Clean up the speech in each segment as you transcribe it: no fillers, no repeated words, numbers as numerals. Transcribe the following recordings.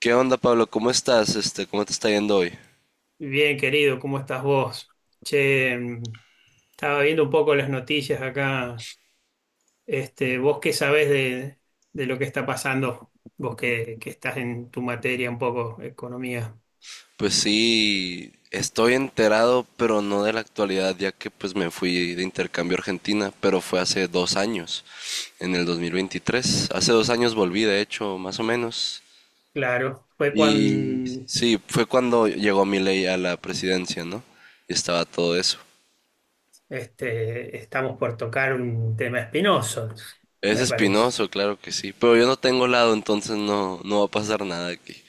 ¿Qué onda, Pablo? ¿Cómo estás? ¿Cómo te está yendo hoy? Bien, querido, ¿cómo estás vos? Che, estaba viendo un poco las noticias acá. Este, ¿vos qué sabés de lo que está pasando? Vos que estás en tu materia un poco, economía. Pues sí, estoy enterado, pero no de la actualidad, ya que pues me fui de intercambio a Argentina, pero fue hace 2 años, en el 2023. Hace 2 años volví, de hecho, más o menos. Claro, fue Y cuando sí, fue cuando llegó Milei a la presidencia, ¿no? Y estaba todo eso. este, estamos por tocar un tema espinoso, Es me parece. espinoso, claro que sí, pero yo no tengo lado, entonces no, no va a pasar nada aquí.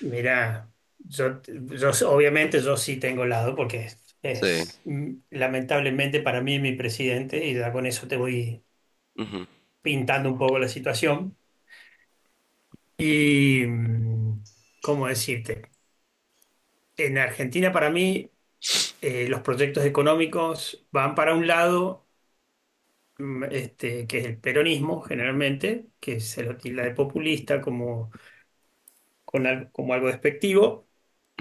Mirá, yo obviamente yo sí tengo lado porque es, Sí, es, mm, lamentablemente para mí mi presidente y ya con eso te voy ujú, pintando un poco la situación. Y, ¿cómo decirte? En Argentina, para mí, los proyectos económicos van para un lado, este, que es el peronismo, generalmente, que se lo tilda de populista como, como algo despectivo,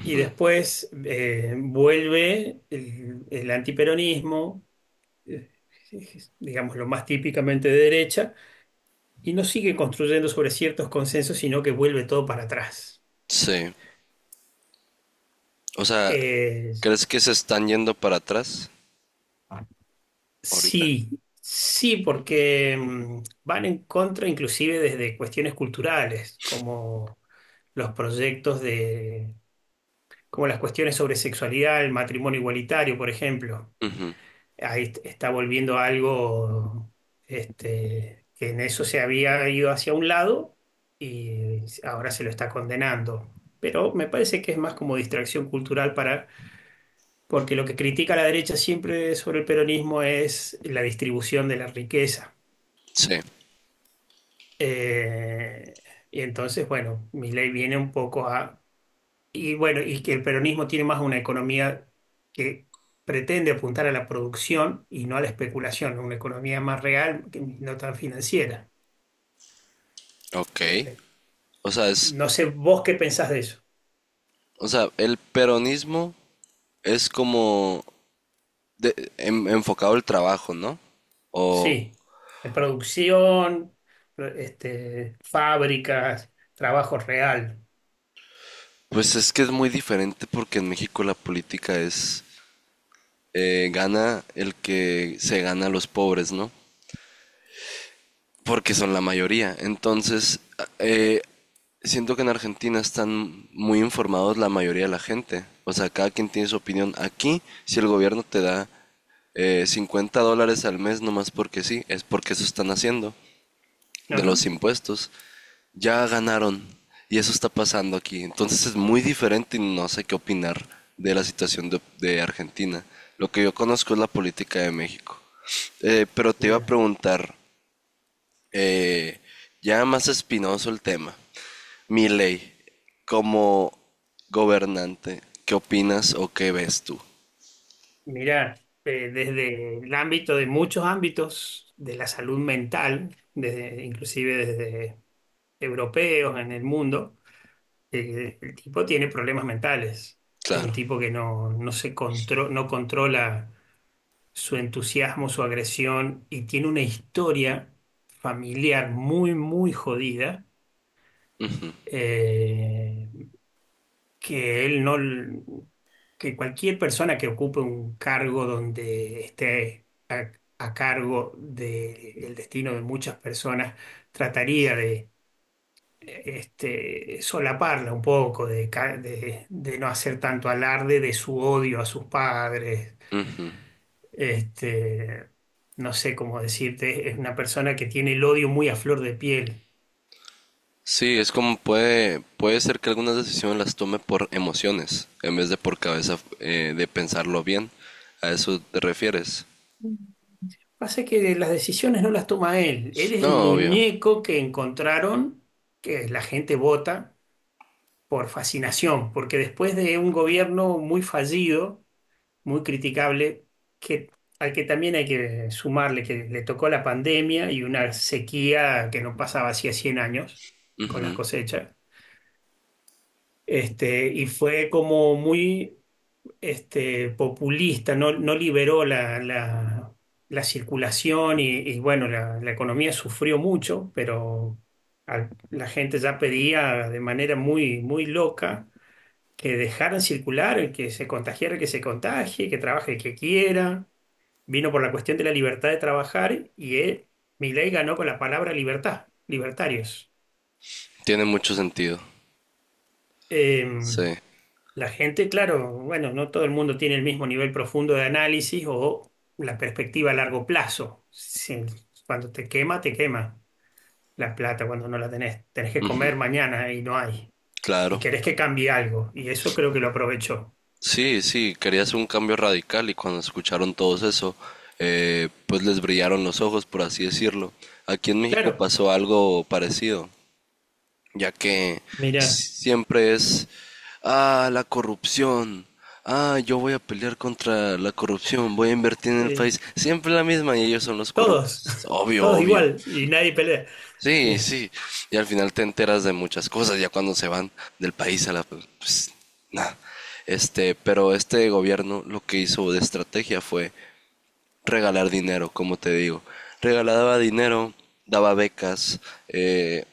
y después vuelve el antiperonismo, eh, digamos lo más típicamente de derecha, y no sigue construyendo sobre ciertos consensos, sino que vuelve todo para atrás. sí. O sea, Eh, ¿crees que se están yendo para atrás ahorita? Sí, sí, porque van en contra inclusive desde cuestiones culturales, como los proyectos de, como las cuestiones sobre sexualidad, el matrimonio igualitario, por ejemplo. Ujú, Está volviendo algo este, que en eso se había ido hacia un lado y ahora se lo está condenando. Pero me parece que es más como distracción cultural para, porque lo que critica la derecha siempre sobre el peronismo es la distribución de la riqueza. sí, Eh, y entonces, bueno, mi ley viene un poco a... Y bueno, y que el peronismo tiene más una economía que pretende apuntar a la producción y no a la especulación, una economía más real que no tan financiera. ok. Espe- O sea, No sé vos qué pensás de eso. El peronismo es como enfocado al trabajo, ¿no? O, Sí, de producción, este, fábricas, trabajo real. pues es que es muy diferente porque en México la política gana el que se gana a los pobres, ¿no? Porque son la mayoría. Entonces, eh, siento que en Argentina están muy informados la mayoría de la gente. O sea, cada quien tiene su opinión. Aquí, si el gobierno te da $50 al mes, nomás porque sí, es porque eso están haciendo, de Ajá. los impuestos. Ya ganaron y eso está pasando aquí. Entonces es muy diferente y no sé qué opinar de la situación de Argentina. Lo que yo conozco es la política de México. Pero te iba a Mira. preguntar, eh, ya más espinoso el tema. Milei, como gobernante, ¿qué opinas o qué ves tú? Mira, desde el ámbito de muchos ámbitos de la salud mental, desde, inclusive desde europeos en el mundo, el tipo tiene problemas mentales. Es un Claro. tipo que no, no controla su entusiasmo, su agresión y tiene una historia familiar muy, muy jodida. Eh, que él no, Que cualquier persona que ocupe un cargo donde esté a cargo del destino de muchas personas trataría de este, solaparla un poco, de no hacer tanto alarde de su odio a sus padres. Este, no sé cómo decirte, es una persona que tiene el odio muy a flor de piel. Sí, es como puede ser que algunas decisiones las tome por emociones, en vez de por cabeza de pensarlo bien. ¿A eso te refieres? Pasa que las decisiones no las toma él. Él es el No, obvio. muñeco que encontraron, que la gente vota por fascinación, porque después de un gobierno muy fallido, muy criticable, que, al que también hay que sumarle que le tocó la pandemia y una sequía que no pasaba hacía 100 años con las cosechas, este, y fue como muy este, populista, no liberó la la- circulación, y, bueno, la economía sufrió mucho, pero la gente ya pedía de manera muy, muy loca que dejaran circular, el que se contagiara, el que se contagie, que trabaje el que quiera. Vino por la cuestión de la libertad de trabajar y él, Milei ganó con la palabra libertad, libertarios. Tiene mucho sentido. Em, Sí, La gente, claro, bueno, no todo el mundo tiene el mismo nivel profundo de análisis o la perspectiva a largo plazo. Cuando te quema la plata cuando no la tenés. Tenés que comer mañana y no hay. Y claro. querés que cambie algo. Y eso creo que lo aprovechó. Sí, sí, quería hacer un cambio radical y cuando escucharon todos eso, pues les brillaron los ojos, por así decirlo. Aquí en México Claro, pasó algo parecido, ya que mira, siempre es: ah, la corrupción, ah, yo voy a pelear contra la corrupción, voy a invertir en el eh, país, siempre la misma y ellos son los todos, corruptos, obvio, todos obvio. igual y nadie pelea. Sí, Eh, sí. Y al final te enteras de muchas cosas, ya cuando se van del país a Pues nada. Pero este gobierno lo que hizo de estrategia fue regalar dinero, como te digo. Regalaba dinero, daba becas. eh,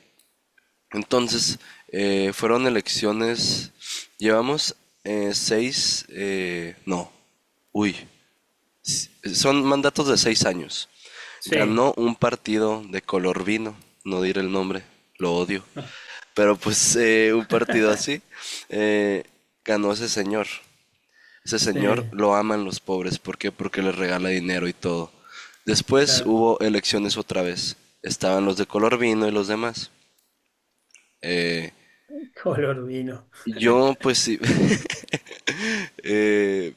entonces, fueron elecciones. Llevamos seis. No. Uy. Son mandatos de 6 años. Sí, Ganó un partido de color vino, no diré el nombre, lo odio. no. Pero pues un partido así eh, ganó ese señor. Ese Sí, señor lo aman los pobres. ¿Por qué? Porque les regala dinero y todo. Después claro. hubo elecciones otra vez. Estaban los de color vino y los demás. Eh, Color vino. yo pues sí, eh,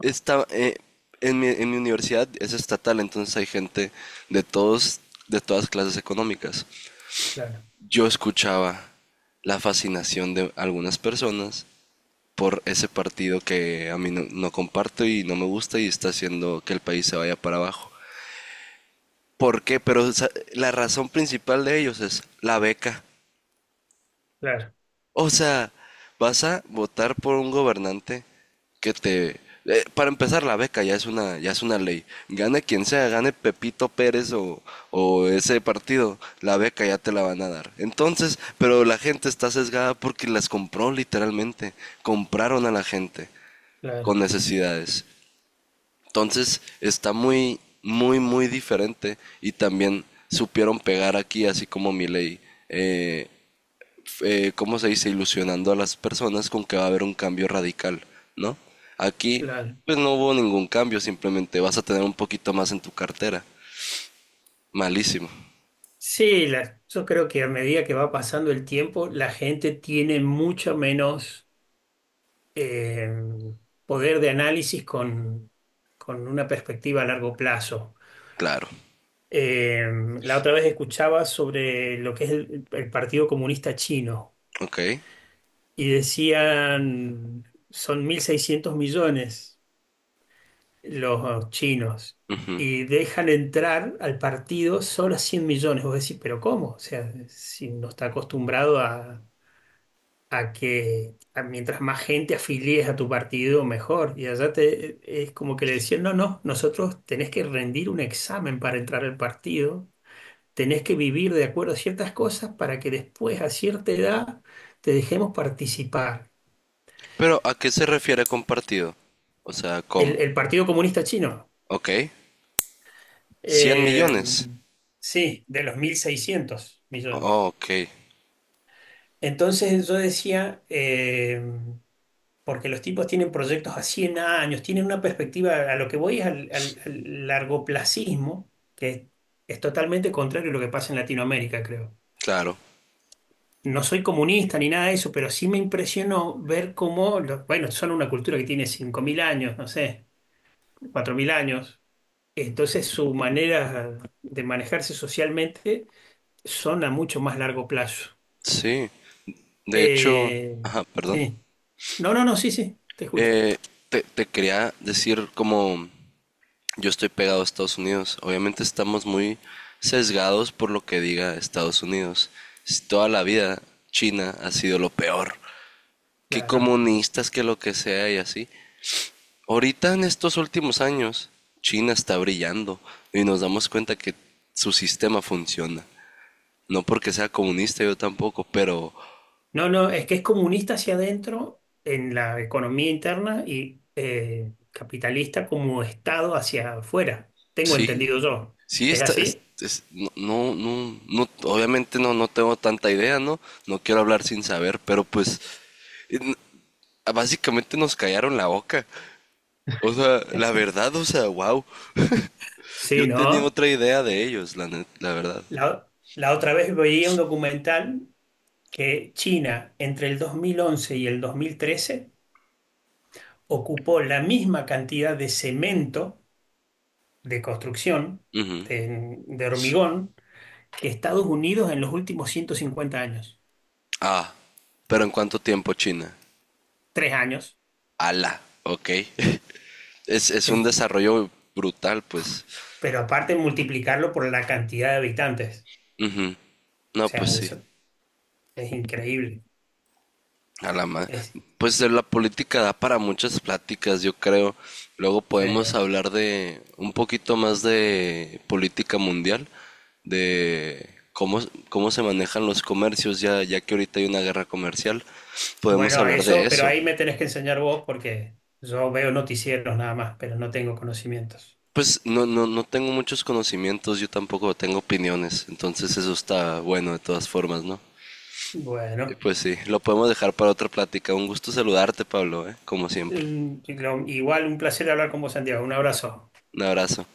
está, eh, en mi universidad es estatal, entonces hay gente de todos, de todas clases económicas. Claro, Yo escuchaba la fascinación de algunas personas por ese partido que a mí no, no comparto y no me gusta y está haciendo que el país se vaya para abajo. ¿Por qué? Pero o sea, la razón principal de ellos es la beca. claro, O sea, vas a votar por un gobernante que te... para empezar, la beca ya es una ley. Gane quien sea, gane Pepito Pérez o ese partido, la beca ya te la van a dar. Entonces, pero la gente está sesgada porque las compró literalmente. Compraron a la gente claro, con necesidades. Entonces, está muy, muy, muy diferente. Y también supieron pegar aquí, así como mi ley. eh, ¿Cómo se dice? Ilusionando a las personas con que va a haber un cambio radical, ¿no? Aquí, claro. pues no hubo ningún cambio, simplemente vas a tener un poquito más en tu cartera. Malísimo, Sí, la- yo creo que a medida que va pasando el tiempo, la gente tiene mucho menos eh, poder de análisis con una perspectiva a largo plazo. claro. Eh, la otra vez escuchaba sobre lo que es el Partido Comunista Chino Ok. y decían, son 1.600 millones los chinos Ujú. y dejan entrar al partido solo a 100 millones. Vos decís, pero ¿cómo? O sea, si no está acostumbrado a que mientras más gente afilies a tu partido, mejor. Y allá es como que le decían, no, no, nosotros tenés que rendir un examen para entrar al partido, tenés que vivir de acuerdo a ciertas cosas para que después, a cierta edad, te dejemos participar. Pero ¿a qué se refiere compartido? O sea, El, ¿cómo? el Partido Comunista Chino, Ok. 100 eh, millones. sí, de los 1.600 Oh, millones. ok, Entonces yo decía, porque los tipos tienen proyectos a 100 años, tienen una perspectiva, a lo que voy es al largoplacismo, que es totalmente contrario a lo que pasa en Latinoamérica, creo. claro. No soy comunista ni nada de eso, pero sí me impresionó ver cómo, bueno, son una cultura que tiene 5.000 años, no sé, 4.000 años. Entonces su manera de manejarse socialmente son a mucho más largo plazo. Sí. De hecho, Eh, ajá, perdón. sí. No, no, no, sí, sí, te escucho. Eh, te quería decir como yo estoy pegado a Estados Unidos. Obviamente estamos muy sesgados por lo que diga Estados Unidos. Si toda la vida China ha sido lo peor. Que Claro. comunistas, que lo que sea y así. Ahorita en estos últimos años, China está brillando y nos damos cuenta que su sistema funciona. No porque sea comunista, yo tampoco, pero No, no, es que es comunista hacia adentro en la economía interna y capitalista como Estado hacia afuera. Tengo sí, entendido yo. sí ¿Es está, así? Obviamente no tengo tanta idea, ¿no? No quiero hablar sin saber, pero pues en- básicamente nos callaron la boca. O sea, la verdad, o sea, wow. Sí, Yo tenía ¿no? otra idea de ellos, la verdad. La otra vez veía un documental que China entre el 2011 y el 2013 ocupó la misma cantidad de cemento de construcción, Ujú. De hormigón, que Estados Unidos en los últimos 150 años. Ah, pero ¿en cuánto tiempo China? 3 años. Ala, ok. Es un Es desarrollo brutal, pues. Pero aparte multiplicarlo por la cantidad de habitantes. Ujú. O No, sea, pues sí. eso es increíble. A la ma- O Pues la política da para muchas pláticas, yo creo. Luego podemos sea, hablar de un poquito más de política mundial, de cómo se manejan los comercios, ya que ahorita hay una guerra comercial. Podemos bueno, hablar de eso, pero eso. ahí me tenés que enseñar vos porque yo veo noticieros nada más, pero no tengo conocimientos. Pues no tengo muchos conocimientos, yo tampoco tengo opiniones, entonces eso está bueno de todas formas, ¿no? Y Bueno, pues sí, lo podemos dejar para otra plática. Un gusto saludarte, Pablo, ¿eh? Como siempre. Igual un placer hablar con vos, Santiago. Un abrazo. Un abrazo.